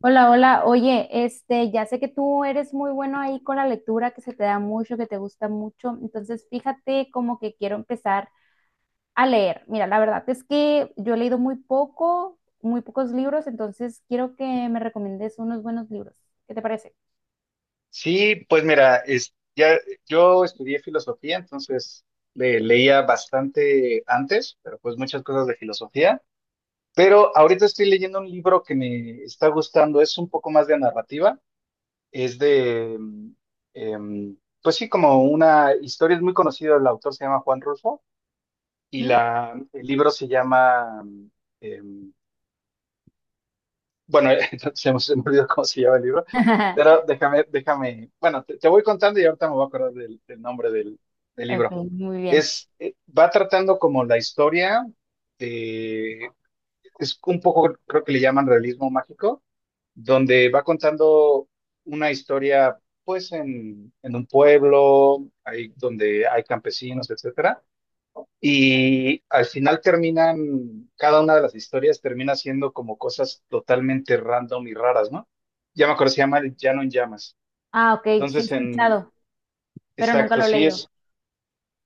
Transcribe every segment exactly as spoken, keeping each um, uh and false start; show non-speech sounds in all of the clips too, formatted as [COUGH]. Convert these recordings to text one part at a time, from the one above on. Hola, hola. Oye, este, ya sé que tú eres muy bueno ahí con la lectura, que se te da mucho, que te gusta mucho. Entonces, fíjate como que quiero empezar a leer. Mira, la verdad es que yo he leído muy poco, muy pocos libros, entonces quiero que me recomiendes unos buenos libros. ¿Qué te parece? Sí, pues mira, es, ya, yo estudié filosofía, entonces le- leía bastante antes, pero pues muchas cosas de filosofía. Pero ahorita estoy leyendo un libro que me está gustando, es un poco más de narrativa, es de, mm, em, pues sí, como una historia, es muy conocido, el autor se llama Juan Rulfo y ¿Mm? la, el libro se llama mm, em, bueno, [LAUGHS] entonces hemos olvidado cómo se llama el libro, pero [LAUGHS] déjame, déjame, bueno, te, te voy contando y ahorita me voy a acordar del, del nombre del, del Ok, libro. muy bien. Es, eh, va tratando como la historia de, es un poco, creo que le llaman realismo mágico, donde va contando una historia, pues, en, en un pueblo, ahí donde hay campesinos, etcétera, y al final terminan, cada una de las historias termina siendo como cosas totalmente random y raras, ¿no? Ya me acuerdo, se llama El Llano en Llamas. Ah, ok, sí he Entonces, en, escuchado, pero nunca exacto, lo he sí leído. es,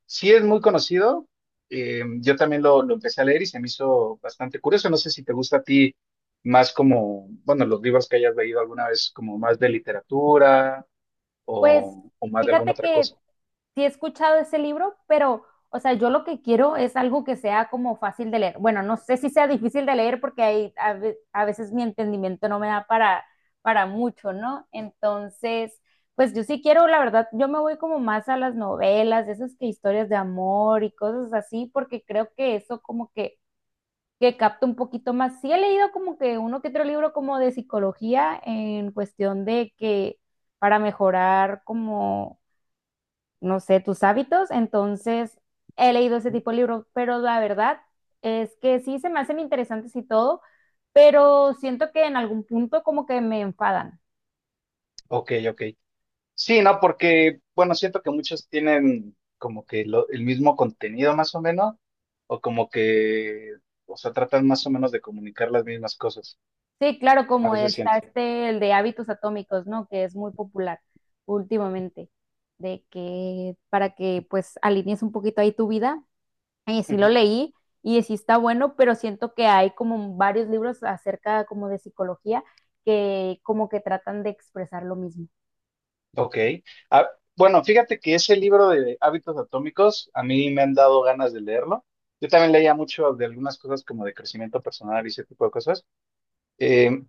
sí es muy conocido. Eh, yo también lo, lo empecé a leer y se me hizo bastante curioso. No sé si te gusta a ti más como, bueno, los libros que hayas leído alguna vez, como más de literatura Pues o, o más de alguna fíjate otra que cosa. sí he escuchado ese libro, pero, o sea, yo lo que quiero es algo que sea como fácil de leer. Bueno, no sé si sea difícil de leer porque hay, a, ve- a veces mi entendimiento no me da para, para mucho, ¿no? Entonces, pues yo sí quiero, la verdad, yo me voy como más a las novelas, esas que historias de amor y cosas así, porque creo que eso como que, que capta un poquito más. Sí he leído como que uno que otro libro como de psicología en cuestión de que para mejorar como no sé, tus hábitos. Entonces, he leído ese tipo de libros, pero la verdad es que sí se me hacen interesantes y todo, pero siento que en algún punto como que me enfadan. Ok, ok. Sí, no, porque, bueno, siento que muchos tienen como que lo- el mismo contenido más o menos, o como que, o sea, tratan más o menos de comunicar las mismas cosas. Sí, claro, A como veces está siento. este, el de hábitos atómicos, ¿no? Que es muy popular últimamente, de que para que pues alinees un poquito ahí tu vida. Y sí lo Ujú. leí y sí está bueno, pero siento que hay como varios libros acerca como de psicología que como que tratan de expresar lo mismo. Ok. Ah, bueno, fíjate que ese libro de Hábitos Atómicos, a mí me han dado ganas de leerlo. Yo también leía mucho de algunas cosas como de crecimiento personal y ese tipo de cosas. Eh,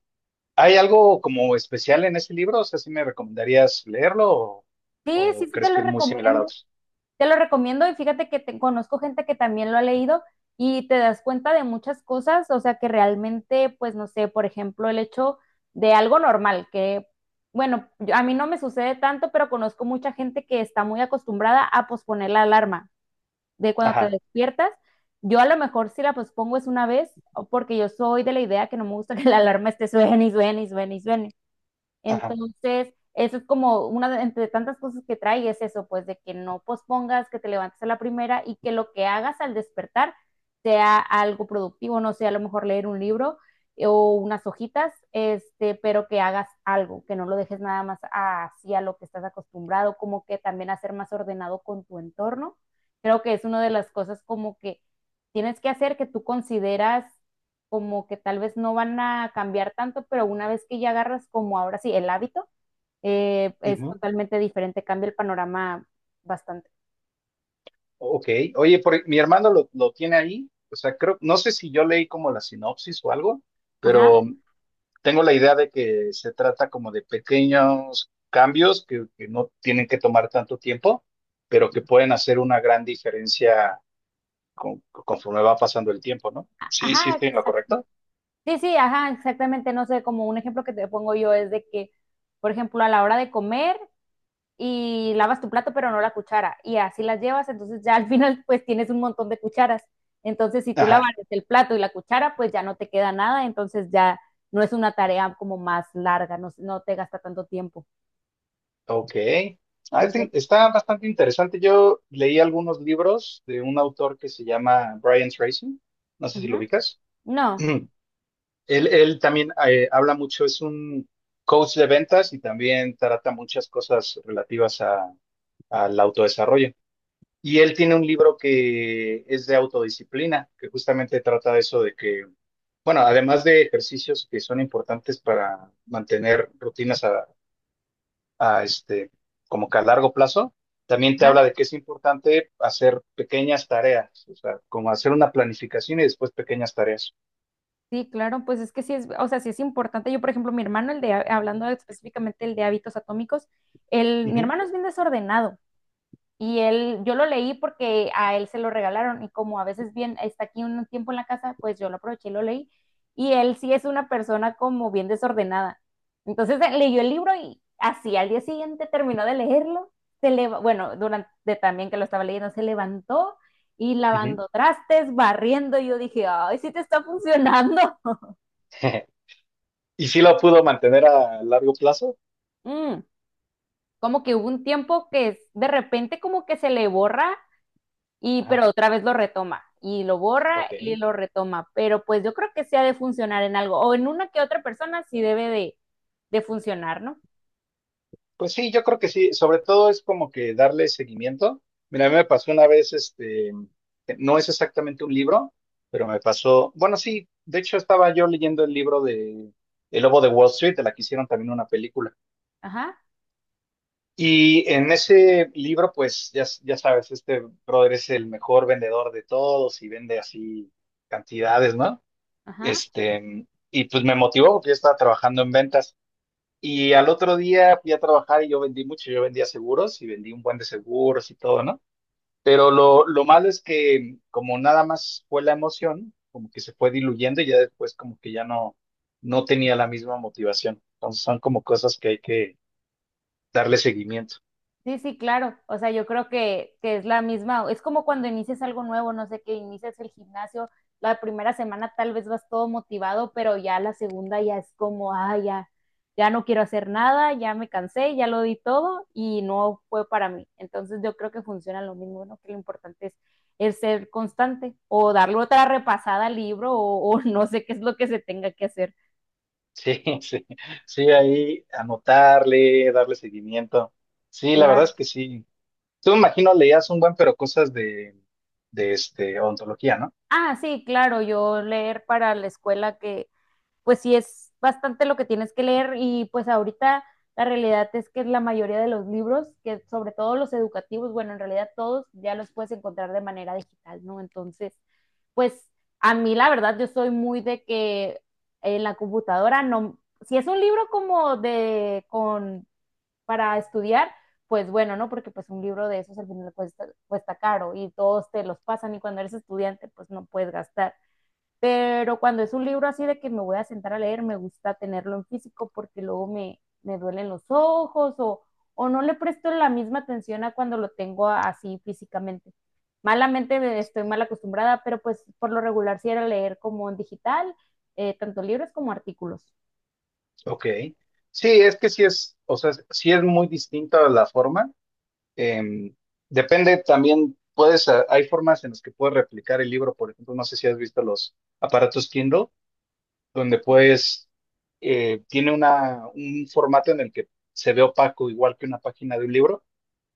¿hay algo como especial en ese libro? O sea, ¿sí me recomendarías leerlo o, Sí, sí, o sí, te crees que lo es muy similar a recomiendo. otros? Te lo recomiendo y fíjate que te- conozco gente que también lo ha leído y te das cuenta de muchas cosas, o sea que realmente, pues no sé, por ejemplo, el hecho de algo normal, que bueno, yo- a mí no me sucede tanto, pero conozco mucha gente que está muy acostumbrada a posponer la alarma de cuando te Ajá, despiertas. Yo a lo mejor si la pospongo es una vez, o porque yo soy de la idea que no me gusta [LAUGHS] que la alarma esté suene y suene y suene y suene. ajá. Entonces, eso es como una de entre tantas cosas que trae es eso, pues de que no pospongas, que te levantes a la primera y que lo que hagas al despertar sea algo productivo, no sé, a lo mejor leer un libro eh, o unas hojitas, este, pero que hagas algo, que no lo dejes nada más así a lo que estás acostumbrado, como que también hacer más ordenado con tu entorno. Creo que es una de las cosas como que tienes que hacer que tú consideras como que tal vez no van a cambiar tanto, pero una vez que ya agarras como ahora sí el hábito, eh, es Ujú. totalmente diferente, cambia el panorama bastante. Ok, oye, por- mi hermano lo, lo tiene ahí, o sea, creo, no sé si yo leí como la sinopsis o algo, Ajá, pero tengo la idea de que se trata como de pequeños cambios que, que no tienen que tomar tanto tiempo, pero que pueden hacer una gran diferencia con- conforme va pasando el tiempo, ¿no? Sí, sí, ajá, estoy en lo exacto. correcto. Sí, sí, ajá, exactamente, no sé, como un ejemplo que te pongo yo es de que, por ejemplo, a la hora de comer y lavas tu plato pero no la cuchara y así las llevas, entonces ya al [LAUGHS] final pues tienes un montón de cucharas. Entonces, si tú lavas Ajá, el plato y la cuchara, pues ya no te queda nada, entonces ya no es una tarea como más larga, no, no te gasta tanto tiempo. ok. I Entonces, think- está bastante interesante. Yo leí algunos libros de un autor que se llama Brian Tracy, no sé si lo ujú. ubicas. No, [CLEARS THROAT] Él, él también eh, habla mucho, es un coach de ventas y también trata muchas cosas relativas a, al autodesarrollo. Y él tiene un libro que es de autodisciplina, que justamente trata de eso de que, bueno, además de ejercicios que son importantes para mantener rutinas a, a este, como que a largo plazo, también te ajá. habla de que es importante hacer pequeñas tareas, o sea, como hacer una planificación y después pequeñas tareas. sí, claro, pues es que sí es, o sea, sí es importante. Yo, por ejemplo, mi hermano, el de, hablando específicamente el de hábitos atómicos, el, mi Ujú, hermano es bien desordenado. Y él, yo lo leí porque a él se lo regalaron y como a veces bien está aquí un tiempo en la casa, pues yo lo aproveché y lo leí. Y él sí es una persona como bien desordenada. Entonces eh, leyó el libro y así al día siguiente terminó de leerlo. Se le, bueno, durante también que lo estaba leyendo, se levantó y ujú. lavando trastes, barriendo. Y yo dije, ay, sí te está funcionando. [LAUGHS] [LAUGHS] ¿Y sí lo pudo mantener a largo plazo? Mm, Como que hubo un tiempo que es- de repente como que se le borra y Ajá, pero otra vez lo retoma y lo borra y ok. lo retoma, pero pues yo creo que sí ha de funcionar en algo o en una que otra persona sí debe de, de funcionar, ¿no? Pues sí, yo creo que sí. Sobre todo es como que darle seguimiento. Mira, a mí me pasó una vez, este, que no es exactamente un libro, pero me pasó, bueno, sí, de hecho estaba yo leyendo el libro de El Lobo de Wall Street, de la que hicieron también una película. Ajá, Y en ese libro, pues ya, ya sabes, este brother es el mejor vendedor de todos y vende así cantidades, ¿no? ajá. Este, y pues me motivó porque yo estaba trabajando en ventas. Y al otro día fui a trabajar y yo vendí mucho, yo vendía seguros y vendí un buen de seguros y todo, ¿no? Pero lo, lo malo es que como nada más fue la emoción, como que se fue diluyendo y ya después como que ya no, no tenía la misma motivación. Entonces son como cosas que hay que darle seguimiento. Sí, sí, claro. O sea, yo creo que, que es la misma, es como cuando inicias algo nuevo, no sé, que inicias el gimnasio, la primera semana tal vez vas todo motivado, pero ya la segunda ya es como, ah, ya, ya no quiero hacer nada, ya me cansé, ya lo di todo y no fue para mí. Entonces yo creo que funciona lo mismo, ¿no? Que lo importante es, es, ser constante o darle otra repasada al libro o, o [LAUGHS] no sé qué es lo que se tenga que hacer. Sí, [LAUGHS] sí, sí, ahí anotarle, darle seguimiento. Sí, la verdad Claro. es que sí. Tú me imagino leías un buen, pero cosas de, de este, ontología, ¿no? Ah, sí, claro, yo leer para la escuela que pues sí es bastante lo que tienes que leer y pues ahorita la realidad es que la mayoría de los libros, que sobre todo los educativos, bueno, en realidad todos ya los puedes encontrar de manera digital, ¿no? Entonces, pues a mí la verdad yo soy muy de que en la computadora no si es un libro como de con para estudiar pues bueno no porque pues un libro de esos al final cuesta, cuesta, caro y todos te los pasan y cuando eres estudiante pues no puedes gastar pero cuando es un libro así de que me voy a sentar a leer, me gusta tenerlo en físico porque luego me, me duelen los ojos o, o no le presto la misma atención a cuando lo tengo así físicamente. Malamente estoy mal acostumbrada, pero pues por lo regular sí era leer como en digital, eh, tanto libros como artículos. Ok. Sí, es que sí es, o sea, sí es muy distinta la forma. Em, depende también, puedes, a- hay formas en las que puedes replicar el libro, por ejemplo, no sé si has visto los aparatos Kindle, donde puedes, eh, tiene una, un formato en el que se ve opaco, igual que una página de un libro,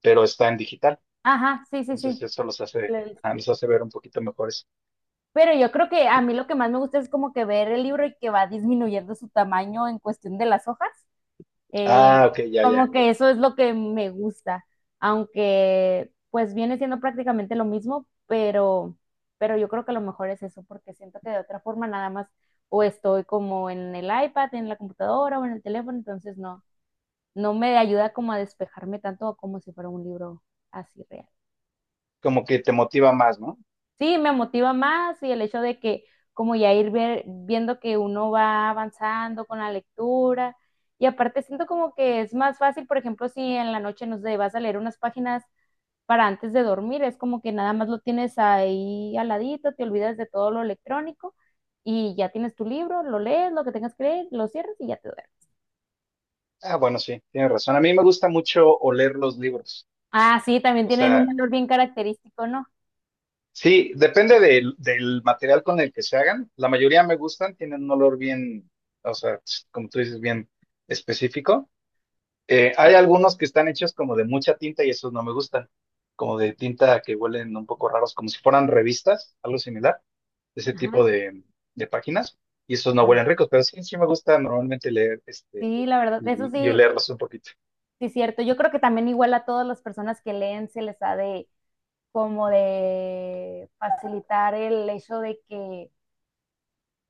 pero está en digital. Ajá, sí, sí, Entonces sí, eso los lo hace, he ah, visto. los hace ver un poquito mejores. Pero yo creo que a mí lo que más me gusta es como que ver el libro y que va disminuyendo su tamaño en cuestión de las hojas. Eh, Ah, ok, ya, Como ya. que eso es lo que me gusta, aunque pues viene siendo prácticamente lo mismo, pero, pero, yo creo que lo mejor es eso, porque siento que de otra forma nada más o estoy como en el iPad, en la computadora o en el teléfono, entonces no, no me ayuda como a despejarme tanto como si fuera un libro así real. Como que te motiva más, ¿no? Sí, me motiva más y el hecho de que como ya ir ver- viendo que uno va avanzando con la lectura y aparte siento como que es más fácil, por ejemplo, si en la noche, no sé, vas a leer unas páginas para antes de dormir, es como que nada más lo tienes ahí al ladito, te olvidas de todo lo electrónico y ya tienes tu libro, lo lees, lo que tengas que leer, lo cierras y ya te duermes. Ah, bueno, sí, tienes razón. A mí me gusta mucho oler los libros. Ah, sí, también O tienen un sea, olor bien característico, ¿no? sí, depende del, del material con el que se hagan. La mayoría me gustan, tienen un olor bien, o sea, como tú dices, bien específico. Eh, hay algunos que están hechos como de mucha tinta y esos no me gustan, como de tinta que huelen un poco raros, como si fueran revistas, algo similar, de ese tipo Ajá. de, de páginas. Y esos no Ajá. huelen ricos, pero sí, sí me gusta normalmente leer este Sí, la verdad, eso y, y sí, olerlos un poquito. Sí, cierto. Yo creo que también igual a todas las personas que leen se les ha de como de facilitar el hecho de que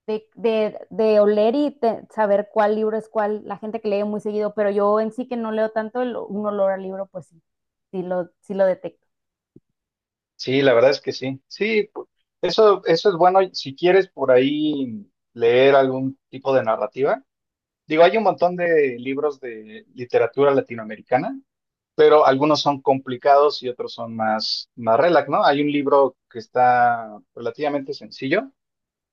de, de, de oler y te- saber cuál libro es cuál, la gente que lee muy seguido, pero yo en sí que no leo tanto el- un olor al libro, pues sí, sí lo, sí lo detecto. Sí, la verdad es que sí. Sí, pu- eso, eso es bueno si quieres por ahí leer algún tipo de narrativa. Digo, hay un montón de libros de literatura latinoamericana, pero algunos son complicados y otros son más, más relax, ¿no? Hay un libro que está relativamente sencillo,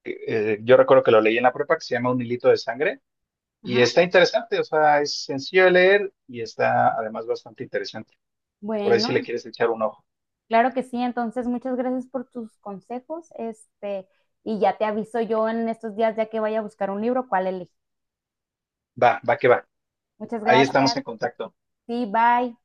que, eh, yo recuerdo que lo leí en la prepa, que se llama Un hilito de sangre, y Ajá. está interesante, o sea, es sencillo de leer y está además bastante interesante. Por ahí si le Bueno, quieres echar un ojo. claro que sí, entonces muchas gracias por tus consejos, este, y ya te aviso yo en estos días ya que vaya a buscar un libro, cuál elegir. Va, va que va. Muchas Ahí estamos gracias, en contacto. sí, bye.